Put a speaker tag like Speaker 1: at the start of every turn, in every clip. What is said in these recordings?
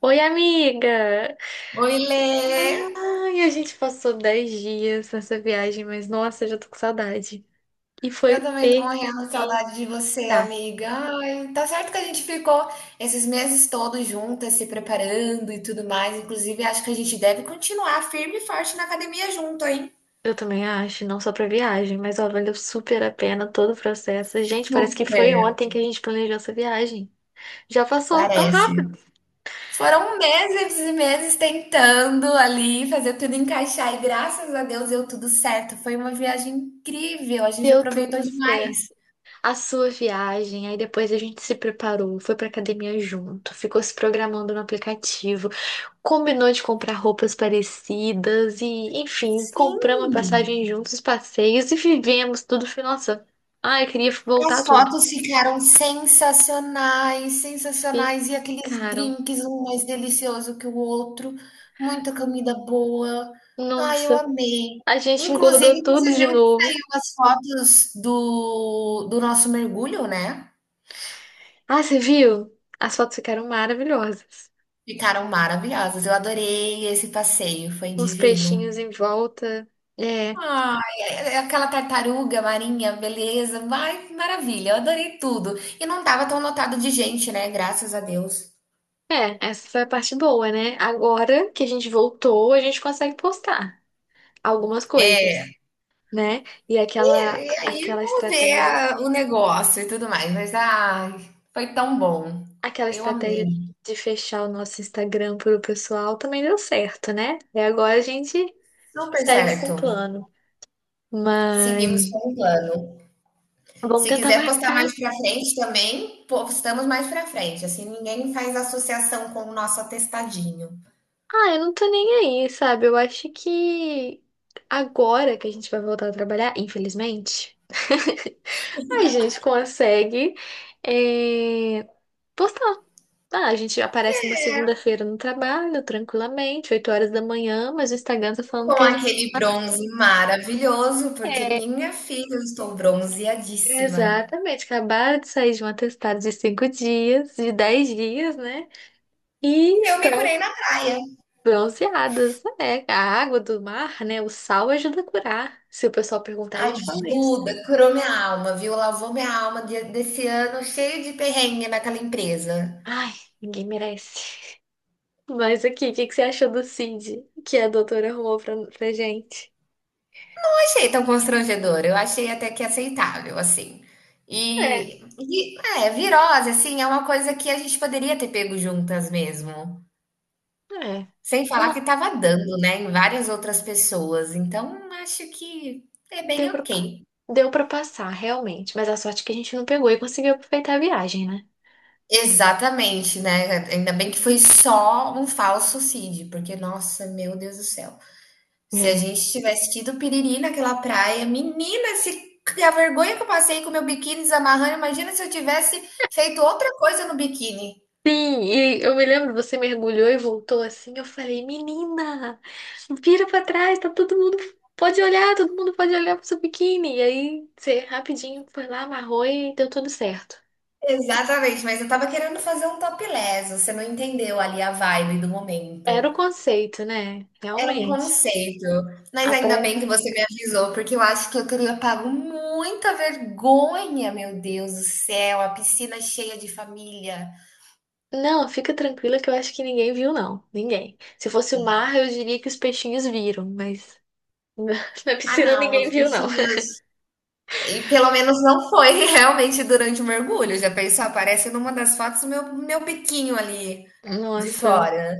Speaker 1: Oi, amiga!
Speaker 2: Oi, Lê!
Speaker 1: Ai, a gente passou 10 dias nessa viagem, mas nossa, já tô com saudade. E
Speaker 2: Eu
Speaker 1: foi
Speaker 2: também tô
Speaker 1: perfeita.
Speaker 2: morrendo de saudade de você, amiga. Ai, tá certo que a gente ficou esses meses todos juntas, se preparando e tudo mais. Inclusive, acho que a gente deve continuar firme e forte na academia junto, hein?
Speaker 1: Eu também acho, não só pra viagem, mas ó, valeu super a pena todo o processo. Gente, parece que foi
Speaker 2: Super,
Speaker 1: ontem que a gente planejou essa viagem. Já passou tão rápido.
Speaker 2: parece. Foram meses e meses tentando ali fazer tudo encaixar e graças a Deus deu tudo certo. Foi uma viagem incrível, a gente
Speaker 1: Deu
Speaker 2: aproveitou
Speaker 1: tudo certo.
Speaker 2: demais.
Speaker 1: A sua viagem, aí depois a gente se preparou, foi pra academia junto, ficou se programando no aplicativo. Combinou de comprar roupas parecidas e, enfim, compramos a
Speaker 2: Sim.
Speaker 1: passagem juntos, os passeios e vivemos tudo. Foi, nossa, ai, eu queria voltar
Speaker 2: As
Speaker 1: tudo.
Speaker 2: fotos ficaram sensacionais,
Speaker 1: E,
Speaker 2: sensacionais. E aqueles
Speaker 1: caro,
Speaker 2: drinks, um mais delicioso que o outro. Muita comida boa. Ai, eu
Speaker 1: nossa,
Speaker 2: amei.
Speaker 1: a gente engordou
Speaker 2: Inclusive, você
Speaker 1: tudo de
Speaker 2: viu que
Speaker 1: novo.
Speaker 2: saiu as fotos do nosso mergulho, né?
Speaker 1: Ah, você viu? As fotos ficaram maravilhosas.
Speaker 2: Ficaram maravilhosas. Eu adorei esse passeio, foi
Speaker 1: Uns
Speaker 2: divino.
Speaker 1: peixinhos em volta. É,
Speaker 2: Ai, é aquela tartaruga marinha, beleza. Ai, maravilha, eu adorei tudo. E não tava tão lotado de gente, né? Graças a Deus.
Speaker 1: é, essa foi a parte boa, né? Agora que a gente voltou, a gente consegue postar algumas coisas, né? E aquela
Speaker 2: E aí
Speaker 1: aquela
Speaker 2: vamos ver
Speaker 1: estratégia
Speaker 2: o negócio e tudo mais. Mas ai, foi tão bom.
Speaker 1: Aquela
Speaker 2: Eu
Speaker 1: estratégia
Speaker 2: amei.
Speaker 1: de fechar o nosso Instagram para o pessoal também deu certo, né? E agora a gente
Speaker 2: Super
Speaker 1: segue com
Speaker 2: certo.
Speaker 1: o plano.
Speaker 2: Seguimos
Speaker 1: Mas
Speaker 2: com o plano.
Speaker 1: vamos
Speaker 2: Se
Speaker 1: tentar
Speaker 2: quiser postar mais
Speaker 1: marcar.
Speaker 2: pra frente também, postamos mais pra frente. Assim ninguém faz associação com o nosso atestadinho.
Speaker 1: Ah, eu não tô nem aí, sabe? Eu acho que agora que a gente vai voltar a trabalhar, infelizmente, a gente consegue é, postar. Ah, a gente aparece numa segunda-feira no trabalho, tranquilamente, 8 horas da manhã, mas o Instagram tá
Speaker 2: Com
Speaker 1: falando que a gente.
Speaker 2: aquele bronze maravilhoso, porque minha filha, eu estou bronzeadíssima.
Speaker 1: Exatamente, acabaram de sair de um atestado de 5 dias, de 10 dias, né? E
Speaker 2: E eu me
Speaker 1: estão
Speaker 2: curei na praia.
Speaker 1: bronzeadas. É, a água do mar, né? O sal ajuda a curar. Se o pessoal perguntar, a gente fala isso.
Speaker 2: Ajuda, curou minha alma, viu? Lavou minha alma desse ano cheio de perrengue naquela empresa.
Speaker 1: Ai, ninguém merece. Mas aqui, o que que você achou do Cid que a doutora arrumou pra gente?
Speaker 2: Achei tão constrangedor, eu achei até que aceitável, assim.
Speaker 1: É,
Speaker 2: E virose, assim, é uma coisa que a gente poderia ter pego juntas mesmo.
Speaker 1: é.
Speaker 2: Sem falar
Speaker 1: Não,
Speaker 2: que estava dando, né, em várias outras pessoas. Então, acho que é
Speaker 1: deu
Speaker 2: bem
Speaker 1: pra,
Speaker 2: ok.
Speaker 1: deu pra passar, realmente. Mas a sorte é que a gente não pegou e conseguiu aproveitar a viagem, né?
Speaker 2: Exatamente, né? Ainda bem que foi só um falso CID, porque, nossa, meu Deus do céu. Se a gente tivesse tido piriri naquela praia, menina, se a vergonha que eu passei com o meu biquíni desamarrando, imagina se eu tivesse feito outra coisa no biquíni.
Speaker 1: Sim, e eu me lembro, você mergulhou e voltou assim. Eu falei, menina, vira pra trás, tá todo mundo. Pode olhar, todo mundo pode olhar pro seu biquíni. E aí você rapidinho foi lá, amarrou e deu tudo certo.
Speaker 2: Exatamente, mas eu tava querendo fazer um topless, você não entendeu ali a vibe do momento.
Speaker 1: Era o conceito, né?
Speaker 2: Era um
Speaker 1: Realmente.
Speaker 2: conceito, mas
Speaker 1: A
Speaker 2: ainda
Speaker 1: praia.
Speaker 2: bem que você me avisou, porque eu acho que eu teria pago muita vergonha, meu Deus do céu, a piscina cheia de família.
Speaker 1: Não, fica tranquila que eu acho que ninguém viu, não. Ninguém. Se fosse o mar, eu diria que os peixinhos viram, mas na
Speaker 2: Ah,
Speaker 1: piscina
Speaker 2: não,
Speaker 1: ninguém
Speaker 2: os
Speaker 1: viu, não.
Speaker 2: bichinhos e pelo menos não foi realmente durante o mergulho. Já pensou? Aparece numa das fotos o meu biquinho ali de
Speaker 1: Nossa.
Speaker 2: fora.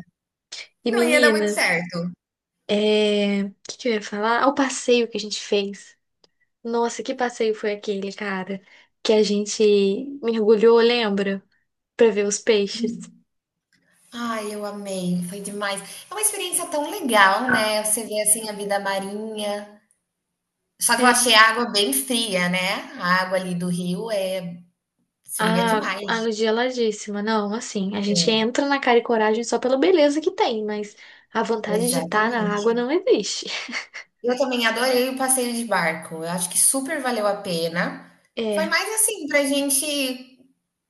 Speaker 1: E
Speaker 2: Não ia dar
Speaker 1: menina.
Speaker 2: muito certo.
Speaker 1: É, o que que eu ia falar? Ah, o passeio que a gente fez. Nossa, que passeio foi aquele, cara? Que a gente mergulhou, lembra? Pra ver os peixes.
Speaker 2: Ai, eu amei, foi demais. É uma experiência tão legal, né? Você vê assim a vida marinha. Só que eu
Speaker 1: É,
Speaker 2: achei a água bem fria, né? A água ali do rio é fria
Speaker 1: a
Speaker 2: demais.
Speaker 1: água geladíssima. Não, assim, a gente
Speaker 2: É,
Speaker 1: entra na cara e coragem só pela beleza que tem, mas a vontade de estar na água
Speaker 2: exatamente.
Speaker 1: não existe.
Speaker 2: Eu também adorei o passeio de barco. Eu acho que super valeu a pena. Foi
Speaker 1: É,
Speaker 2: mais assim pra gente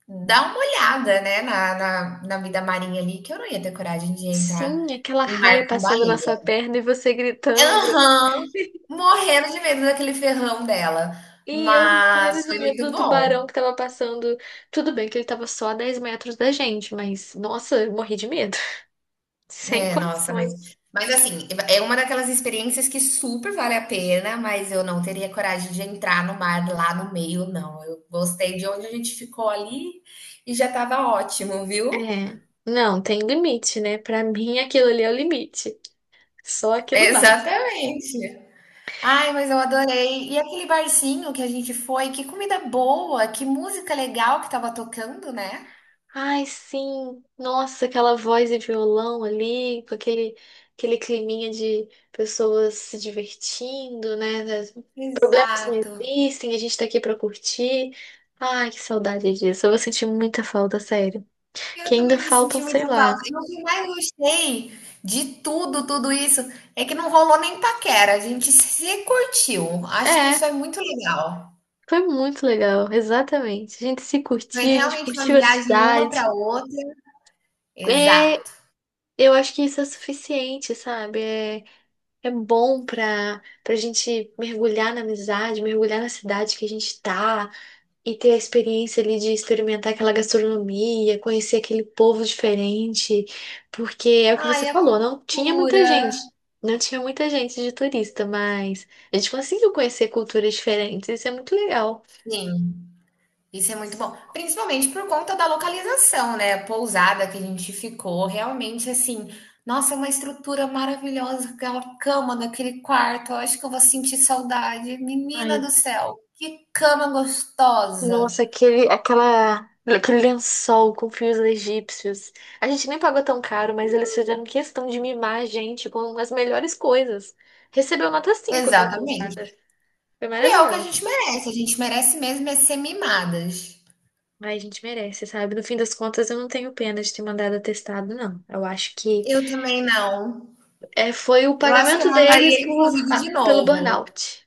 Speaker 2: dá uma olhada, né, na vida marinha ali, que eu não ia ter coragem de entrar
Speaker 1: sim, aquela
Speaker 2: em mar
Speaker 1: raia
Speaker 2: com
Speaker 1: passando na sua
Speaker 2: baleia.
Speaker 1: perna e você gritando.
Speaker 2: Aham, morrendo de medo daquele ferrão dela,
Speaker 1: E eu morrendo
Speaker 2: mas
Speaker 1: de
Speaker 2: foi
Speaker 1: medo
Speaker 2: muito
Speaker 1: do
Speaker 2: bom.
Speaker 1: tubarão que tava passando. Tudo bem que ele tava só a 10 metros da gente, mas nossa, eu morri de medo. Sem
Speaker 2: É, nossa, mas
Speaker 1: condições.
Speaker 2: mas assim, é uma daquelas experiências que super vale a pena, mas eu não teria coragem de entrar no mar lá no meio não, eu gostei de onde a gente ficou ali e já estava ótimo, viu?
Speaker 1: É. Não, tem limite, né? Pra mim aquilo ali é o limite. Só aquilo basta.
Speaker 2: Exatamente. Ai, mas eu adorei. E aquele barzinho que a gente foi, que comida boa, que música legal que estava tocando, né?
Speaker 1: Ai, sim. Nossa, aquela voz e violão ali, com aquele climinha de pessoas se divertindo, né? Problemas não
Speaker 2: Exato.
Speaker 1: existem, a gente tá aqui pra curtir. Ai, que saudade disso. Eu vou sentir muita falta, sério.
Speaker 2: Eu
Speaker 1: Que ainda
Speaker 2: também vou
Speaker 1: faltam,
Speaker 2: sentir
Speaker 1: sei
Speaker 2: muita falta.
Speaker 1: lá.
Speaker 2: E o que mais gostei de tudo, tudo isso, é que não rolou nem paquera. A gente se curtiu. Acho que isso
Speaker 1: É,
Speaker 2: é muito legal.
Speaker 1: foi muito legal, exatamente. A gente se
Speaker 2: Foi
Speaker 1: curtiu, a gente
Speaker 2: realmente uma
Speaker 1: curtiu a
Speaker 2: viagem uma
Speaker 1: cidade.
Speaker 2: para outra.
Speaker 1: É,
Speaker 2: Exato.
Speaker 1: eu acho que isso é suficiente, sabe? É, é bom pra gente mergulhar na amizade, mergulhar na cidade que a gente tá. E ter a experiência ali de experimentar aquela gastronomia, conhecer aquele povo diferente, porque é o que
Speaker 2: Ai,
Speaker 1: você
Speaker 2: a
Speaker 1: falou, não tinha muita
Speaker 2: cultura.
Speaker 1: gente, não tinha muita gente de turista, mas a gente conseguiu conhecer culturas diferentes, isso é muito legal.
Speaker 2: Sim. Isso é muito bom, principalmente por conta da localização, né? A pousada que a gente ficou, realmente assim, nossa, é uma estrutura maravilhosa, aquela cama daquele quarto. Eu acho que eu vou sentir saudade. Menina
Speaker 1: Ai,
Speaker 2: do céu, que cama gostosa!
Speaker 1: nossa, aquele lençol com fios egípcios. A gente nem pagou tão caro, mas eles fizeram questão de mimar a gente com as melhores coisas. Recebeu nota cinco aquela pousada.
Speaker 2: Exatamente.
Speaker 1: Foi
Speaker 2: E é o que
Speaker 1: maravilhosa.
Speaker 2: a gente merece mesmo é ser mimadas.
Speaker 1: Ai, a gente merece, sabe? No fim das contas, eu não tenho pena de ter mandado atestado, não. Eu acho que
Speaker 2: Eu também não.
Speaker 1: foi o
Speaker 2: Eu acho que eu
Speaker 1: pagamento deles
Speaker 2: mandaria,
Speaker 1: por,
Speaker 2: inclusive, de
Speaker 1: pelo
Speaker 2: novo.
Speaker 1: burnout.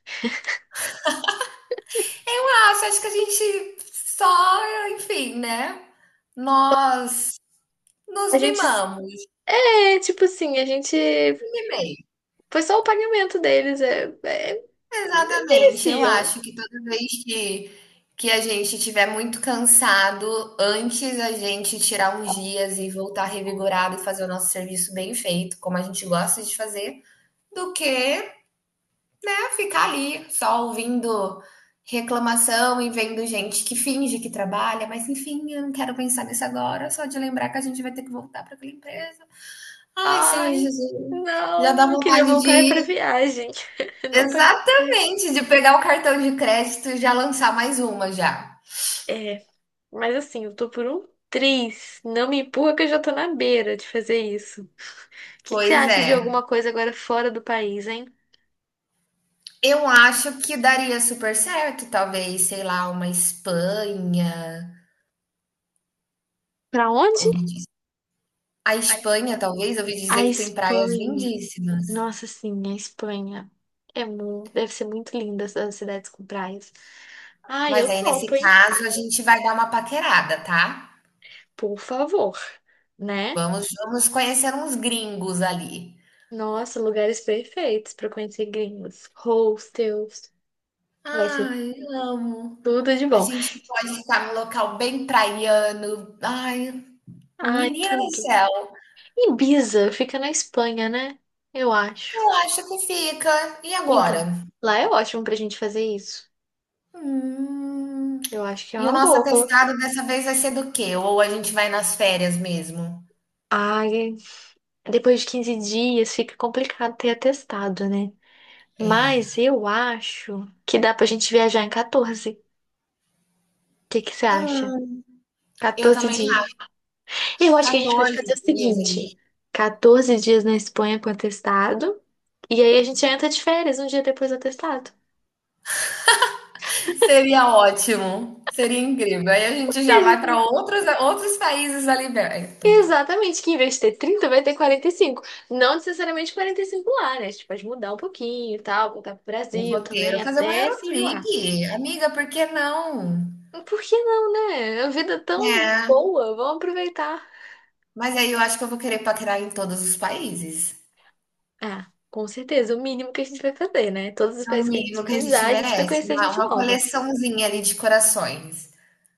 Speaker 2: Ah, você acha que a gente só, enfim, né? Nós
Speaker 1: A
Speaker 2: nos
Speaker 1: gente,
Speaker 2: mimamos.
Speaker 1: tipo assim, a gente.
Speaker 2: Bem,
Speaker 1: Foi só o pagamento deles,
Speaker 2: exatamente. Eu
Speaker 1: mereciam.
Speaker 2: acho que toda vez que a gente estiver muito cansado, antes a gente tirar uns dias e voltar revigorado e fazer o nosso serviço bem feito, como a gente gosta de fazer, do que né, ficar ali só ouvindo reclamação e vendo gente que finge que trabalha, mas enfim, eu não quero pensar nisso agora, só de lembrar que a gente vai ter que voltar para aquela empresa. Ai, Senhor
Speaker 1: Ai,
Speaker 2: Jesus, já dá
Speaker 1: não, eu queria
Speaker 2: vontade de
Speaker 1: voltar para
Speaker 2: ir.
Speaker 1: viagem. Não pra.
Speaker 2: Exatamente, de pegar o cartão de crédito e já lançar mais uma já.
Speaker 1: É, mas assim, eu tô por um triz. Não me empurra que eu já tô na beira de fazer isso. O que que você
Speaker 2: Pois
Speaker 1: acha
Speaker 2: é.
Speaker 1: de alguma coisa agora fora do país, hein?
Speaker 2: Eu acho que daria super certo, talvez, sei lá, uma Espanha.
Speaker 1: Pra onde?
Speaker 2: Ouvi diz- A
Speaker 1: A
Speaker 2: Espanha,
Speaker 1: Espanha.
Speaker 2: talvez, ouvi dizer
Speaker 1: A
Speaker 2: que tem praias
Speaker 1: Espanha.
Speaker 2: lindíssimas.
Speaker 1: Nossa, sim, a Espanha. É muito Deve ser muito linda essas cidades com praias. Ah,
Speaker 2: Mas
Speaker 1: eu
Speaker 2: aí,
Speaker 1: topo,
Speaker 2: nesse
Speaker 1: hein?
Speaker 2: caso, a gente vai dar uma paquerada, tá?
Speaker 1: Por favor, né?
Speaker 2: Vamos conhecer uns gringos ali.
Speaker 1: Nossa, lugares perfeitos para conhecer gringos. Hostels. Vai ser
Speaker 2: Ai, amo.
Speaker 1: tudo de
Speaker 2: A
Speaker 1: bom.
Speaker 2: gente pode ficar num local bem praiano. Ai,
Speaker 1: Ai,
Speaker 2: menina do
Speaker 1: tudo.
Speaker 2: céu.
Speaker 1: Ibiza fica na Espanha, né? Eu acho.
Speaker 2: Eu acho que fica. E
Speaker 1: Então,
Speaker 2: agora?
Speaker 1: lá é ótimo pra gente fazer isso.
Speaker 2: Hum.
Speaker 1: Eu acho que é
Speaker 2: E o
Speaker 1: uma
Speaker 2: nosso
Speaker 1: boa.
Speaker 2: atestado dessa vez vai ser do quê? Ou a gente vai nas férias mesmo?
Speaker 1: Ai, depois de 15 dias fica complicado ter atestado, né? Mas eu acho que dá pra gente viajar em 14. O que que você acha?
Speaker 2: Hum. Eu
Speaker 1: 14
Speaker 2: também
Speaker 1: dias.
Speaker 2: acho.
Speaker 1: Eu acho que a gente pode
Speaker 2: 14
Speaker 1: fazer o
Speaker 2: dias ali.
Speaker 1: seguinte: 14 dias na Espanha com atestado, e aí a gente entra de férias um dia depois do atestado.
Speaker 2: Seria ótimo. Seria incrível. Aí a gente
Speaker 1: E
Speaker 2: já
Speaker 1: a
Speaker 2: vai para
Speaker 1: gente-
Speaker 2: outros países ali perto.
Speaker 1: Exatamente, que em vez de ter 30, vai ter 45. Não necessariamente 45 lá, né? A gente pode mudar um pouquinho e tal, voltar pro
Speaker 2: O
Speaker 1: Brasil também,
Speaker 2: roteiro, fazer uma
Speaker 1: até se
Speaker 2: Eurotrip.
Speaker 1: enjoar.
Speaker 2: Amiga, por que não?
Speaker 1: Por que não, né? A vida é tão
Speaker 2: É,
Speaker 1: boa, vamos aproveitar.
Speaker 2: mas aí eu acho que eu vou querer paquerar em todos os países.
Speaker 1: Ah, com certeza, o mínimo que a gente vai fazer, né? Todos os
Speaker 2: É o
Speaker 1: países que a gente
Speaker 2: mínimo que a
Speaker 1: pisar,
Speaker 2: gente
Speaker 1: a gente vai
Speaker 2: merece.
Speaker 1: conhecer
Speaker 2: Uma,
Speaker 1: gente
Speaker 2: uma
Speaker 1: nova.
Speaker 2: coleçãozinha ali de corações.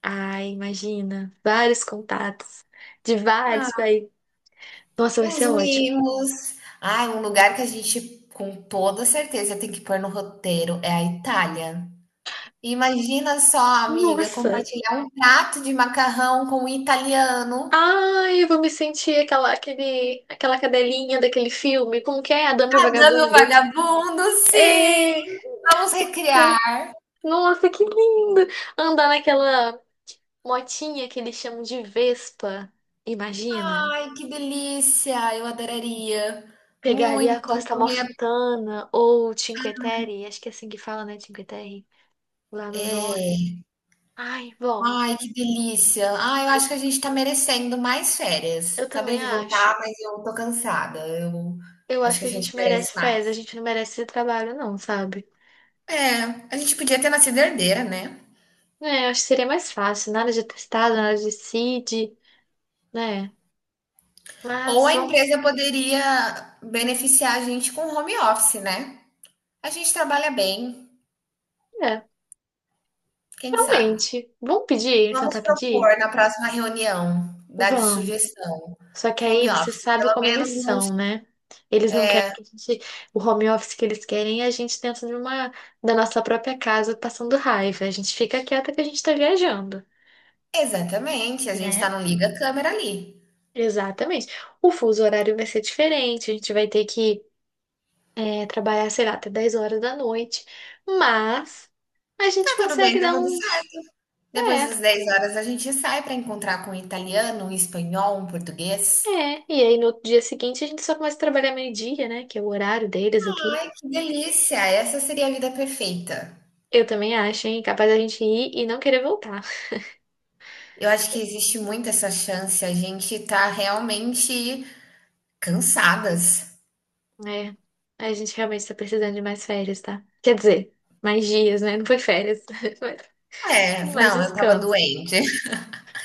Speaker 1: Ah, imagina, vários contatos de vários
Speaker 2: Ah,
Speaker 1: países. Nossa, vai
Speaker 2: os
Speaker 1: ser ótimo.
Speaker 2: mimos. Ai, um lugar que a gente, com toda certeza, tem que pôr no roteiro é a Itália. Imagina só, amiga,
Speaker 1: Nossa.
Speaker 2: compartilhar um prato de macarrão com um italiano.
Speaker 1: Ai, eu vou me sentir aquela cadelinha daquele filme. Como que é? A Dama e o
Speaker 2: Adame o
Speaker 1: Vagabundo.
Speaker 2: vagabundo, sim!
Speaker 1: É,
Speaker 2: Vamos recriar.
Speaker 1: eu- nossa, que lindo! Andar naquela motinha que eles chamam de Vespa. Imagina.
Speaker 2: Ai, que delícia! Eu adoraria.
Speaker 1: Pegar ali a
Speaker 2: Muito
Speaker 1: Costa
Speaker 2: comer.
Speaker 1: Amalfitana ou Cinque Terre, acho que é assim que fala, né? Cinque Terre, lá no norte. Ai, vamos.
Speaker 2: Ai, que delícia. Ai, eu
Speaker 1: Eu,
Speaker 2: acho que a gente tá merecendo mais férias.
Speaker 1: eu
Speaker 2: Acabei
Speaker 1: também
Speaker 2: de
Speaker 1: acho.
Speaker 2: voltar, mas eu tô cansada. Eu
Speaker 1: Eu
Speaker 2: acho
Speaker 1: acho
Speaker 2: que
Speaker 1: que
Speaker 2: a
Speaker 1: a
Speaker 2: gente
Speaker 1: gente
Speaker 2: merece
Speaker 1: merece férias,
Speaker 2: mais.
Speaker 1: a gente não merece esse trabalho, não, sabe?
Speaker 2: É, a gente podia ter nascido herdeira, né?
Speaker 1: É, acho que seria mais fácil, nada de testado, nada de CID, né?
Speaker 2: Ou
Speaker 1: Mas
Speaker 2: a
Speaker 1: vamos,
Speaker 2: empresa poderia beneficiar a gente com home office, né? A gente trabalha bem,
Speaker 1: é,
Speaker 2: quem sabe?
Speaker 1: realmente, vamos pedir,
Speaker 2: Vamos
Speaker 1: tentar pedir?
Speaker 2: propor na próxima reunião, dar de
Speaker 1: Vamos.
Speaker 2: sugestão,
Speaker 1: Só que aí
Speaker 2: home
Speaker 1: você
Speaker 2: office,
Speaker 1: sabe
Speaker 2: pelo
Speaker 1: como eles
Speaker 2: menos uns...
Speaker 1: são, né? Eles não querem que a gente, o home office que eles querem é a gente dentro de uma, da nossa própria casa passando raiva. A gente fica quieta que a gente tá viajando,
Speaker 2: Exatamente, a gente tá
Speaker 1: né?
Speaker 2: no liga câmera ali.
Speaker 1: Exatamente. O fuso horário vai ser diferente, a gente vai ter que trabalhar, sei lá, até 10 horas da noite, mas a
Speaker 2: Tá
Speaker 1: gente
Speaker 2: tudo bem,
Speaker 1: consegue
Speaker 2: tá
Speaker 1: dar
Speaker 2: tudo
Speaker 1: uns.
Speaker 2: certo. Depois
Speaker 1: É,
Speaker 2: das
Speaker 1: tá-
Speaker 2: 10 horas a gente sai para encontrar com um italiano, um espanhol, um português.
Speaker 1: é. E aí no outro dia seguinte a gente só começa a trabalhar meio-dia, né? Que é o horário deles aqui.
Speaker 2: Ai, que delícia! Essa seria a vida perfeita.
Speaker 1: Eu também acho, hein? Capaz da gente ir e não querer voltar.
Speaker 2: Eu acho que existe muito essa chance, a gente tá realmente cansadas.
Speaker 1: É, a gente realmente tá precisando de mais férias, tá? Quer dizer, mais dias, né? Não foi férias,
Speaker 2: É,
Speaker 1: mas mais
Speaker 2: não, eu estava
Speaker 1: descanso.
Speaker 2: doente.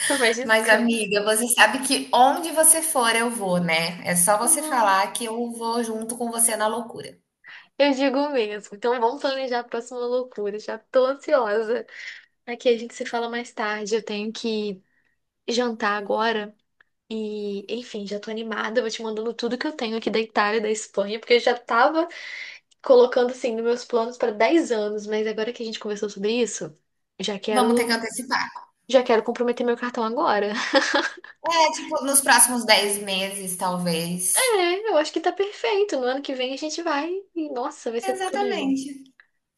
Speaker 1: Mais
Speaker 2: Mas
Speaker 1: descanso.
Speaker 2: amiga, você sabe que onde você for eu vou, né? É só você
Speaker 1: Ah,
Speaker 2: falar que eu vou junto com você na loucura.
Speaker 1: eu digo mesmo. Então vamos planejar a próxima loucura. Já tô ansiosa. Aqui a gente se fala mais tarde. Eu tenho que jantar agora. E, enfim, já tô animada. Eu vou te mandando tudo que eu tenho aqui da Itália, da Espanha, porque eu já tava colocando assim nos meus planos para 10 anos, mas agora que a gente conversou sobre isso, já
Speaker 2: Vamos ter que
Speaker 1: quero,
Speaker 2: antecipar.
Speaker 1: já quero comprometer meu cartão agora.
Speaker 2: É, tipo, nos próximos 10 meses, talvez.
Speaker 1: É, eu acho que tá perfeito. No ano que vem a gente vai e, nossa, vai ser tudo de bom.
Speaker 2: Exatamente.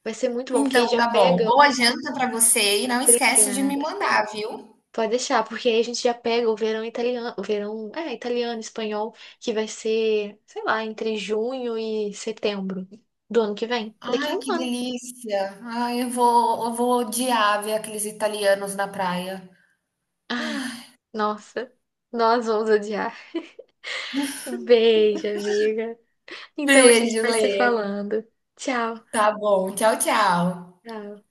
Speaker 1: Vai ser muito bom, porque
Speaker 2: Então
Speaker 1: aí já
Speaker 2: tá bom.
Speaker 1: pega.
Speaker 2: Boa janta pra você e não esquece de me
Speaker 1: Obrigada.
Speaker 2: mandar, viu?
Speaker 1: Pode deixar, porque aí a gente já pega o verão italiano, o verão, italiano, espanhol, que vai ser, sei lá, entre junho e setembro do ano que vem. Daqui a
Speaker 2: Ai,
Speaker 1: um
Speaker 2: que
Speaker 1: ano.
Speaker 2: delícia. Ai, eu vou odiar ver aqueles italianos na praia.
Speaker 1: Ai, nossa, nós vamos odiar. Um beijo, amiga. Então a gente
Speaker 2: Beijo,
Speaker 1: vai
Speaker 2: Lê.
Speaker 1: se falando. Tchau.
Speaker 2: Tá bom. Tchau, tchau.
Speaker 1: Tchau.